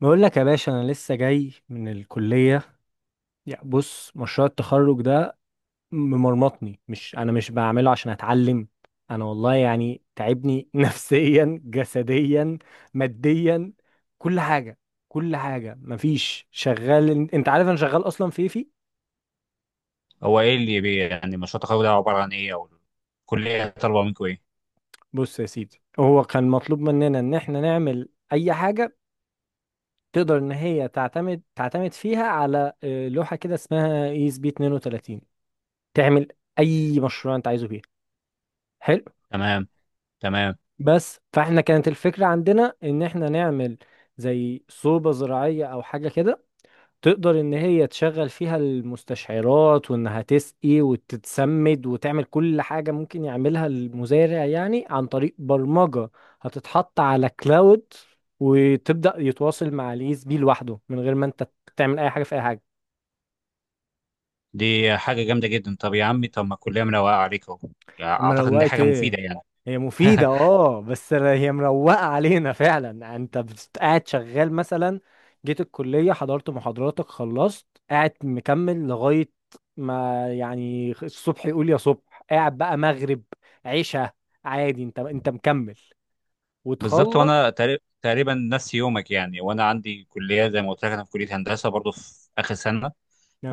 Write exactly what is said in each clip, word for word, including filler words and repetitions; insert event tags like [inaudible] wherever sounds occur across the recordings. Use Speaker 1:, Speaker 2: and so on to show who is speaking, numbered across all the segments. Speaker 1: بقول لك يا باشا، انا لسه جاي من الكليه. يا بص، مشروع التخرج ده ممرمطني. مش انا مش بعمله عشان اتعلم. انا والله يعني تعبني [laughs] نفسيا، جسديا، ماديا، كل حاجه، كل حاجه. مفيش شغال. إن- انت عارف انا شغال اصلا في إيه. في
Speaker 2: هو ايه اللي بي يعني مشروع التخرج ده عباره عن ايه؟ او الكليه طالبه منكم ايه؟
Speaker 1: بص يا سيدي، هو كان مطلوب مننا ان احنا نعمل اي حاجه تقدر ان هي تعتمد تعتمد فيها على آه، لوحه كده اسمها اي اس بي اتنين وتلاتين. تعمل اي مشروع انت عايزه فيها. حلو.
Speaker 2: تمام. تمام.
Speaker 1: بس فاحنا كانت الفكرة عندنا ان احنا نعمل زي صوبة زراعية او حاجة كده، تقدر ان هي تشغل فيها المستشعرات وانها تسقي وتتسمد وتعمل كل حاجة ممكن يعملها المزارع يعني عن طريق برمجة. هتتحط على كلاود وتبدأ يتواصل مع اليس بي لوحده من غير ما انت تعمل اي حاجة في اي حاجة.
Speaker 2: دي حاجه جامده جدا. طب يا عمي، طب ما الكليه مروقه عليك اهو، يعني اعتقد ان دي
Speaker 1: مروقت
Speaker 2: حاجه
Speaker 1: ايه؟
Speaker 2: مفيده يعني.
Speaker 1: هي مفيدة،
Speaker 2: [laughs]
Speaker 1: اه، بس هي مروقة علينا فعلا. انت بت- قاعد شغال مثلا، جيت الكلية، حضرت محاضراتك، خلصت، قاعد مكمل لغاية ما يعني الصبح يقول يا صبح، قاعد بقى مغرب، عشاء، عادي، انت انت مكمل
Speaker 2: بالظبط،
Speaker 1: وتخلص.
Speaker 2: وانا تقري- تقريبا نفس يومك يعني، وانا عندي كليه، زي ما قلت لك انا في كليه هندسه برضو في اخر سنه.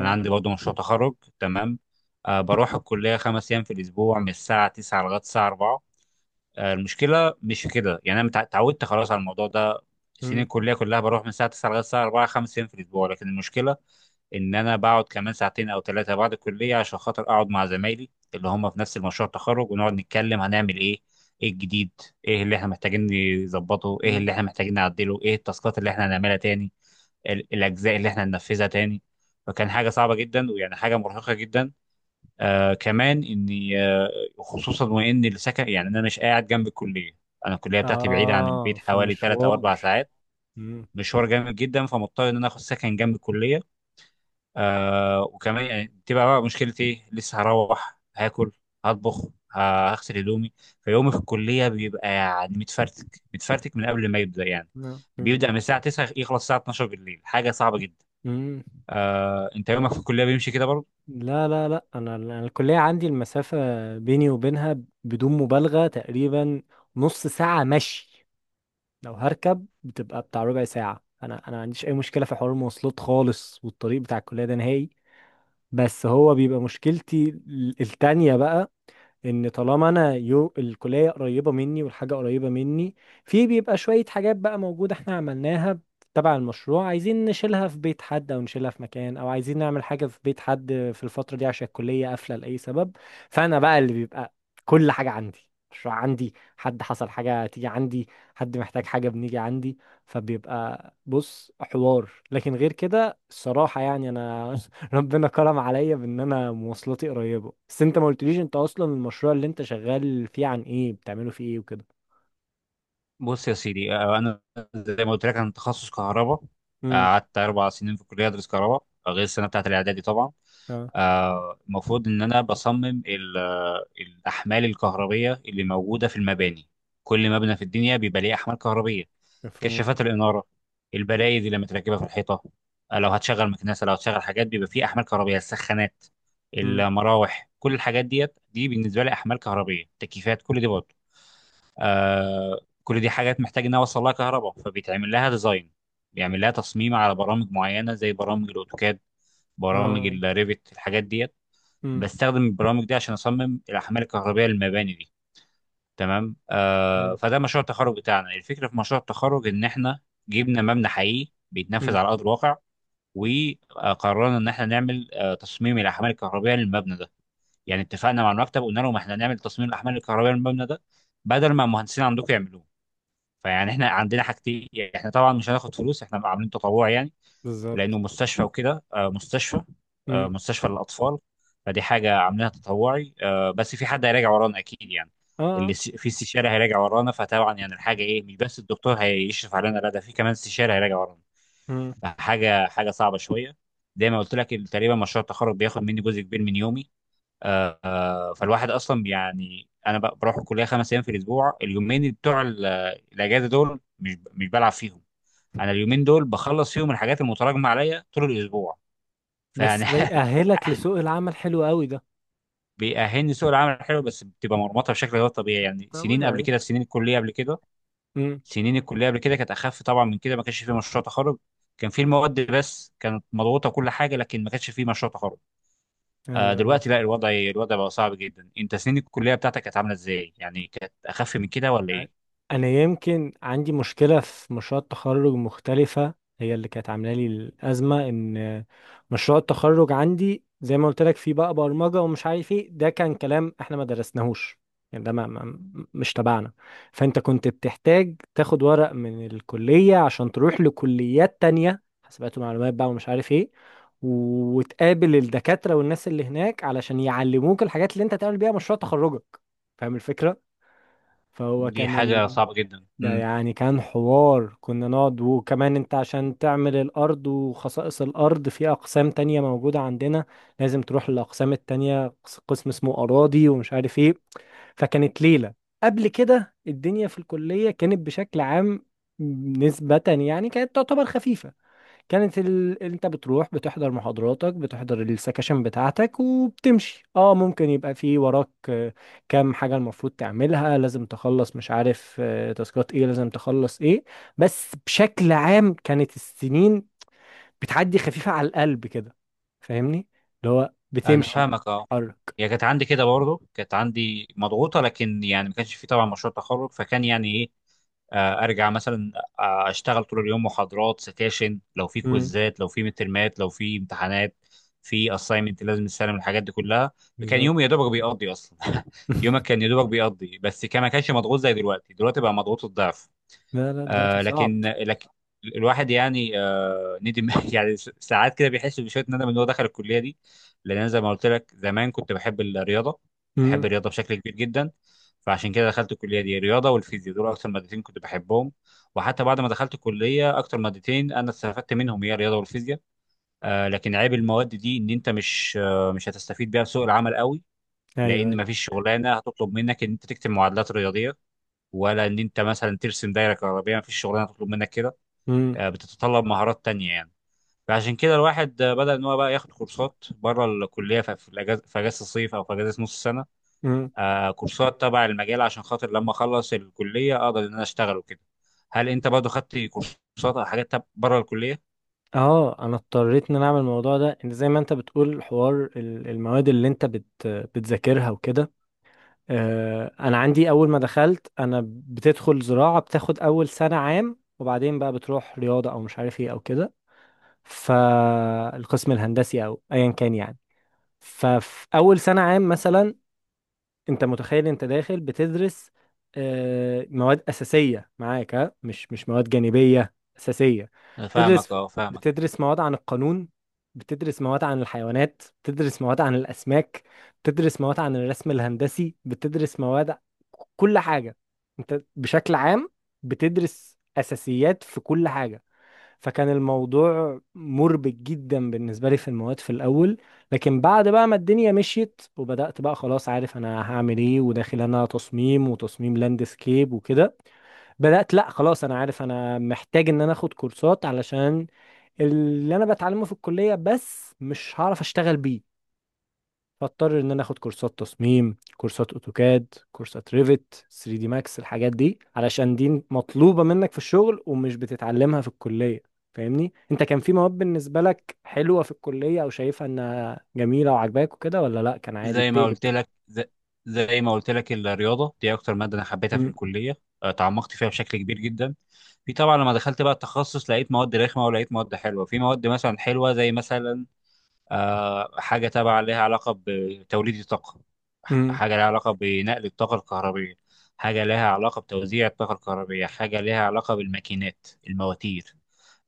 Speaker 2: انا عندي برضو مشروع تخرج، تمام. آه، بروح الكليه خمس ايام في الاسبوع، من الساعه تسعه لغايه الساعه اربعه. آه، المشكله مش في كده، يعني انا متع- اتعودت خلاص على الموضوع ده. سنين
Speaker 1: مم.
Speaker 2: الكليه كلها بروح من الساعه تسعه لغايه الساعه اربعه خمس ايام في الاسبوع، لكن المشكله ان انا بقعد كمان ساعتين او ثلاثه بعد الكليه، عشان خاطر اقعد مع زمايلي اللي هم في نفس المشروع التخرج، ونقعد نتكلم هنعمل ايه، ايه الجديد، ايه اللي احنا محتاجين نظبطه، ايه
Speaker 1: مم.
Speaker 2: اللي احنا محتاجين نعدله، ايه التاسكات اللي احنا هنعملها تاني، ال- الاجزاء اللي احنا هننفذها تاني. فكان حاجه صعبه جدا، ويعني حاجه مرهقه جدا. آه كمان اني آه خصوصا وان السكن، يعني انا مش قاعد جنب الكليه، انا الكليه بتاعتي بعيده عن
Speaker 1: آه،
Speaker 2: البيت حوالي ثلاث او
Speaker 1: فمشوار.
Speaker 2: اربع ساعات
Speaker 1: مم.
Speaker 2: مشوار جامد جدا، فمضطر ان انا اخد سكن جنب الكليه. آه، وكمان يعني تبقى بقى مشكلتي ايه؟ لسه هروح هاكل، هطبخ، ه- هغسل هدومي. فيومي في الكليه بيبقى يعني متفرتك متفرتك، من قبل ما يبدا يعني،
Speaker 1: مم. مم.
Speaker 2: بيبدا من الساعه
Speaker 1: متعب.
Speaker 2: تسعه يخلص الساعه اثنا عشر بالليل. حاجه صعبه جدا.
Speaker 1: مم.
Speaker 2: آه، انت يومك في الكليه بيمشي كده؟
Speaker 1: لا، لا، لا، انا أنا الكليه عندي المسافه بيني وبينها، بدون مبالغه تقريبا نص ساعه مشي. لو هركب بتبقى بتاع ربع ساعه. انا انا ما عنديش اي مشكله في حوار المواصلات خالص، والطريق بتاع الكليه ده نهائي. بس هو بيبقى مشكلتي ال- التانية بقى، ان طالما انا يو الكليه قريبه مني والحاجه قريبه مني، في بيبقى شويه حاجات بقى موجوده احنا عملناها تبع المشروع، عايزين نشيلها في بيت حد او نشيلها في مكان، او عايزين نعمل حاجه في بيت حد في الفتره دي عشان الكليه قافله لاي سبب. فانا بقى اللي بيبقى كل حاجه عندي، مشروع عندي، حد حصل حاجه تيجي عندي، حد محتاج حاجه بنيجي عندي. فبيبقى بص حوار، لكن غير كده الصراحه يعني انا [laughs] ربنا كرم عليا بان انا مواصلاتي قريبه. بس انت ما قلتليش، انت اصلا المشروع اللي انت شغال فيه عن ايه، بتعمله فيه ايه وكده؟
Speaker 2: بص يا سيدي، آه، انا زي ما قلت لك انا تخصص كهرباء. آه،
Speaker 1: امم.
Speaker 2: قعدت اربع سنين في الكليه ادرس كهرباء، آه، غير السنه بتاعت الاعدادي طبعا.
Speaker 1: اه.
Speaker 2: آه، المفروض ان انا بصمم ال- آه، الاحمال الكهربيه اللي موجوده في المباني. كل مبنى في الدنيا بيبقى ليه احمال كهربيه،
Speaker 1: مفهوم.
Speaker 2: كشافات الاناره، البلايد اللي متركبه في الحيطه. آه، لو هتشغل مكنسه، لو هتشغل حاجات، بيبقى فيه احمال كهربيه، السخانات،
Speaker 1: امم.
Speaker 2: المراوح، كل الحاجات ديت، دي بالنسبه لي احمال كهربيه، تكييفات كل دي برضه. آه، كل دي حاجات محتاج انها اوصل لها كهرباء، فبيتعمل لها ديزاين، بيعمل لها تصميم على برامج معينه زي برامج الاوتوكاد، برامج
Speaker 1: اه.
Speaker 2: الريفت، الحاجات ديت.
Speaker 1: امم.
Speaker 2: بستخدم البرامج دي عشان اصمم الاحمال الكهربائيه للمباني دي، تمام. آه،
Speaker 1: حلو.
Speaker 2: فده مشروع التخرج بتاعنا. الفكره في مشروع التخرج ان احنا جبنا مبنى حقيقي بيتنفذ
Speaker 1: امم.
Speaker 2: على ارض الواقع، وقررنا ان احنا نعمل آه تصميم الاحمال الكهربائيه للمبنى ده. يعني اتفقنا مع المكتب قلنا لهم احنا نعمل تصميم الاحمال الكهربائيه للمبنى ده، بدل ما المهندسين عندكم يعملوه. فيعني احنا عندنا حاجتين، احنا طبعا مش هناخد فلوس، احنا عاملين تطوع يعني، لانه
Speaker 1: بالظبط.
Speaker 2: مستشفى وكده، آه، مستشفى، آه،
Speaker 1: امم.
Speaker 2: مستشفى للاطفال. فدي حاجه عاملينها تطوعي. آه، بس في حد هيراجع ورانا اكيد يعني، اللي
Speaker 1: اه.
Speaker 2: س- في استشاري هيراجع ورانا. فطبعا يعني الحاجه ايه؟ مش بس الدكتور هيشرف علينا، لا، ده في كمان استشاري هيراجع ورانا.
Speaker 1: امم.
Speaker 2: فحاجه حاجه صعبه شويه. زي ما قلت لك، ال- تقريبا مشروع التخرج بياخد مني جزء كبير من يومي. آه، آه، فالواحد اصلا يعني انا ب- بروح الكليه خمس ايام في الاسبوع. اليومين بتوع ال- الاجازه دول مش مش بلعب فيهم، انا اليومين دول بخلص فيهم الحاجات المتراكمه عليا طول الاسبوع. فيعني
Speaker 1: بس ده يأهلك
Speaker 2: [laughs]
Speaker 1: لسوق العمل، حلو قوي ده.
Speaker 2: بيأهلني سوق العمل الحلو، بس بتبقى مرمطه بشكل غير طبيعي يعني. سنين قبل
Speaker 1: طبيعي.
Speaker 2: كده سنين الكليه قبل كده،
Speaker 1: امم.
Speaker 2: سنين الكليه قبل كده كانت اخف طبعا من كده، ما كانش في مشروع تخرج، كان في المواد بس كانت مضغوطه كل حاجه، لكن ما كانش في مشروع تخرج. آه،
Speaker 1: ايوه، ايوه.
Speaker 2: دلوقتي لا، الوضع الوضع بقى صعب جدا. انت سنين الكليه بتاعتك كانت عامله ازاي؟ يعني كانت اخف من كده ولا
Speaker 1: يعني
Speaker 2: ايه؟
Speaker 1: انا يمكن عندي مشكله في مشروع التخرج مختلفه، هي اللي كانت عامله لي الازمه ان مشروع التخرج عندي زي ما قلت لك فيه بقى برمجه ومش عارف ايه، ده كان كلام احنا ما درسناهوش. يعني ده ما ما مش تبعنا. فانت كنت بتحتاج تاخد ورق من الكليه عشان تروح لكليات تانية، حاسبات ومعلومات بقى ومش عارف ايه، وتقابل الدكاتره والناس اللي هناك علشان يعلموك الحاجات اللي انت تعمل بيها مشروع تخرجك. فاهم الفكره؟ فهو
Speaker 2: دي
Speaker 1: كان
Speaker 2: حاجه
Speaker 1: ال...
Speaker 2: صعبه جدا.
Speaker 1: ده
Speaker 2: امم
Speaker 1: يعني كان حوار كنا نقعد، وكمان انت عشان تعمل الارض وخصائص الارض، في اقسام تانية موجودة عندنا لازم تروح للاقسام التانية، قس- قسم اسمه اراضي ومش عارف ايه. فكانت ليلة. قبل كده الدنيا في الكلية كانت بشكل عام، نسبة يعني كانت تعتبر خفيفة. كانت ال... انت بتروح بتحضر محاضراتك، بتحضر السكاشن بتاعتك وبتمشي. اه، ممكن يبقى في وراك آه، كام حاجة المفروض تعملها لازم تخلص، مش عارف آه، تاسكات ايه لازم تخلص ايه. بس بشكل عام، كانت السنين بتعدي خفيفة على القلب كده. فاهمني؟ اللي هو
Speaker 2: انا
Speaker 1: بتمشي
Speaker 2: فاهمك اه.
Speaker 1: بتتحرك.
Speaker 2: هي كانت عندي كده برضه، كانت عندي مضغوطه، لكن يعني ما كانش في طبعا مشروع تخرج. فكان يعني ايه، آه، ارجع مثلا، آه، اشتغل طول اليوم محاضرات، سكاشن، لو في
Speaker 1: امم.
Speaker 2: كويزات، لو في مترمات، لو في امتحانات، في اساينمنت، لازم تسلم الحاجات دي كلها. فكان
Speaker 1: بالظبط.
Speaker 2: يومي يا دوبك بيقضي اصلا. [laughs] يومك
Speaker 1: [laughs]
Speaker 2: كان يا دوبك بيقضي، بس كان ما كانش مضغوط زي دلوقتي. دلوقتي بقى مضغوط الضعف.
Speaker 1: لا، لا، دلوقتي
Speaker 2: آه،
Speaker 1: صعب.
Speaker 2: لكن لكن الواحد يعني آه ندم، [laughs] يعني س- ساعات كده بيحس بشويه ندم ان هو دخل الكليه دي. لان انا زي ما قلت لك زمان كنت بحب الرياضه، بحب
Speaker 1: امم.
Speaker 2: الرياضه بشكل كبير جدا. فعشان كده دخلت الكليه دي. الرياضه والفيزياء دول اكتر مادتين كنت بحبهم، وحتى بعد ما دخلت الكليه اكتر مادتين انا استفدت منهم هي الرياضه والفيزياء. آه، لكن عيب المواد دي ان انت مش آه مش هتستفيد بيها في سوق العمل قوي.
Speaker 1: ايوه،
Speaker 2: لان
Speaker 1: ايوه.
Speaker 2: مفيش شغلانه هتطلب منك ان انت تكتب معادلات رياضيه، ولا ان انت مثلا ترسم دايره كهربائيه، ما فيش شغلانه تطلب منك كده. آه، بتتطلب مهارات تانية يعني. فعشان كده الواحد آه، بدأ ان هو بقى ياخد كورسات بره الكليه في في الاجازه، في اجازه الصيف او في اجازه نص السنه.
Speaker 1: امم.
Speaker 2: آه، كورسات تبع المجال، عشان خاطر لما اخلص الكليه اقدر ان انا اشتغل وكده. هل انت برضه خدت كورسات او حاجات بره الكليه؟
Speaker 1: اه. انا اضطريت ان انا اعمل الموضوع ده، ان زي ما انت بتقول حوار ال- المواد اللي انت بت بتذاكرها وكده. آه، انا عندي، اول ما دخلت انا بتدخل زراعة، بتاخد اول سنة عام وبعدين بقى بتروح رياضة او مش عارف ايه او كده، فالقسم الهندسي او ايا كان يعني. ففي اول سنة عام مثلا، انت متخيل انت داخل بتدرس آه، مواد اساسيه معاك، ها، مش مش مواد جانبيه، اساسيه.
Speaker 2: أنا فاهمك
Speaker 1: بتدرس
Speaker 2: اه، فاهمك.
Speaker 1: بتدرس مواد عن القانون، بتدرس مواد عن الحيوانات، بتدرس مواد عن الاسماك، بتدرس مواد عن الرسم الهندسي، بتدرس مواد كل حاجه. انت بشكل عام بتدرس اساسيات في كل حاجه. فكان الموضوع مربك جدا بالنسبة لي في المواد في الأول، لكن بعد بقى ما الدنيا مشيت وبدأت بقى خلاص، عارف أنا هعمل إيه وداخل أنا تصميم وتصميم لاندسكيب وكده، بدأت لأ، خلاص أنا عارف أنا محتاج إن أنا أخد كورسات علشان اللي أنا بتعلمه في الكلية بس مش هعرف أشتغل بيه. فاضطر ان انا اخد كورسات تصميم، كورسات اوتوكاد، كورسات ريفت، ثري دي ماكس، الحاجات دي علشان دي مطلوبة منك في الشغل ومش بتتعلمها في الكلية. فاهمني؟ انت كان في مواد بالنسبة لك حلوة في الكلية او شايفها انها جميلة وعجباك وكده، ولا لا كان عادي
Speaker 2: زي ما
Speaker 1: بتقلب؟
Speaker 2: قلت لك ز- زي ما قلت لك الرياضه دي اكتر ماده انا حبيتها في
Speaker 1: مم.
Speaker 2: الكليه. آه، تعمقت فيها بشكل كبير جدا. في طبعا لما دخلت بقى التخصص لقيت مواد رخمه ولقيت مواد حلوه. في مواد مثلا حلوه زي مثلا آه، حاجه تبع لها علاقه بتوليد الطاقه، ح-
Speaker 1: مم.
Speaker 2: حاجه لها علاقه بنقل الطاقه الكهربيه، حاجه لها علاقه بتوزيع الطاقه الكهربيه، حاجه لها علاقه بالماكينات، المواتير.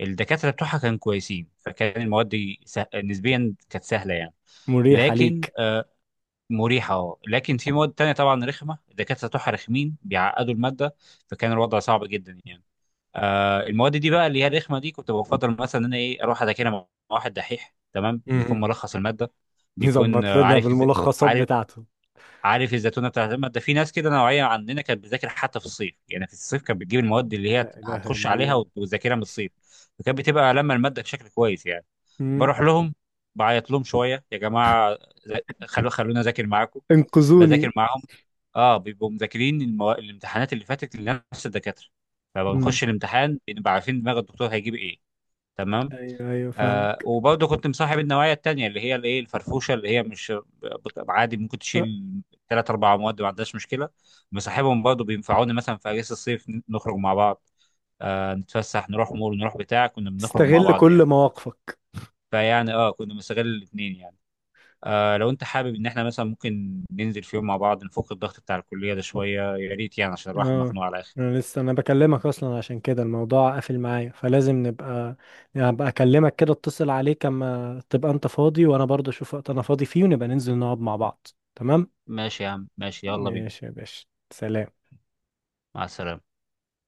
Speaker 2: الدكاتره بتوعها كانوا كويسين، فكان المواد دي سه... نسبيا كانت سهله يعني.
Speaker 1: مريحة
Speaker 2: لكن
Speaker 1: ليك.
Speaker 2: آه، مريحة اه. لكن في مواد تانية طبعا رخمة، الدكاترة بتوعها رخمين، بيعقدوا المادة، فكان الوضع صعب جدا يعني. آه، المواد دي بقى اللي هي الرخمة دي، كنت بفضل مثلا ان انا ايه اروح اذاكرها مع واحد دحيح، تمام. بيكون
Speaker 1: مم.
Speaker 2: ملخص المادة،
Speaker 1: [laughs]
Speaker 2: بيكون
Speaker 1: يظبط
Speaker 2: آه،
Speaker 1: لنا
Speaker 2: عارف إز...
Speaker 1: بالملخصات
Speaker 2: عارف
Speaker 1: بتاعته.
Speaker 2: عارف الزتونة بتاعت المادة. في ناس كده نوعية عننا كانت بتذاكر حتى في الصيف، يعني في الصيف كانت بتجيب المواد اللي هي
Speaker 1: لا إله
Speaker 2: هتخش
Speaker 1: إلا
Speaker 2: عليها
Speaker 1: الله.
Speaker 2: وت- وتذاكرها من الصيف. فكانت بتبقى لما المادة بشكل كويس يعني.
Speaker 1: مم.
Speaker 2: بروح لهم، بعيط لهم شوية، يا جماعة خلو خلونا اذاكر معاكم.
Speaker 1: انقذوني.
Speaker 2: بذاكر معاهم، اه، بيبقوا مذاكرين المو... الامتحانات اللي فاتت لنفس الدكاتره،
Speaker 1: مم.
Speaker 2: فبنخش الامتحان بنبقى عارفين دماغ الدكتور هيجيب ايه، تمام.
Speaker 1: ايوه، ايوه، فاهم.
Speaker 2: آه، وبرضه كنت مصاحب النوعيه التانيه اللي هي الايه الفرفوشه، اللي هي مش بت- عادي ممكن تشيل ثلاث اربع مواد ما عندهاش مشكله. مصاحبهم برضه، بينفعوني مثلا في اجازه الصيف، ن- نخرج مع بعض، آه نتفسح، نروح مول، نروح بتاع، كنا بنخرج مع
Speaker 1: استغل
Speaker 2: بعض
Speaker 1: كل
Speaker 2: يعني.
Speaker 1: مواقفك.
Speaker 2: فيعني اه كنا بنستغل الاثنين يعني. آه، لو انت حابب ان احنا مثلا ممكن ننزل في يوم مع بعض نفك الضغط بتاع الكلية ده شوية، يا ريت يعني، عشان الواحد
Speaker 1: اه،
Speaker 2: مخنوق على الاخر.
Speaker 1: انا لسه انا بكلمك اصلا عشان كده الموضوع قافل معايا، فلازم نبقى هبقى اكلمك كده، اتصل عليك اما تبقى انت فاضي وانا برضه اشوف وقت انا فاضي فيه، ونبقى ننزل نقعد مع بعض. تمام.
Speaker 2: ماشي يا عم، ماشي، يلا بينا.
Speaker 1: ماشي يا باشا. سلام.
Speaker 2: مع السلامة.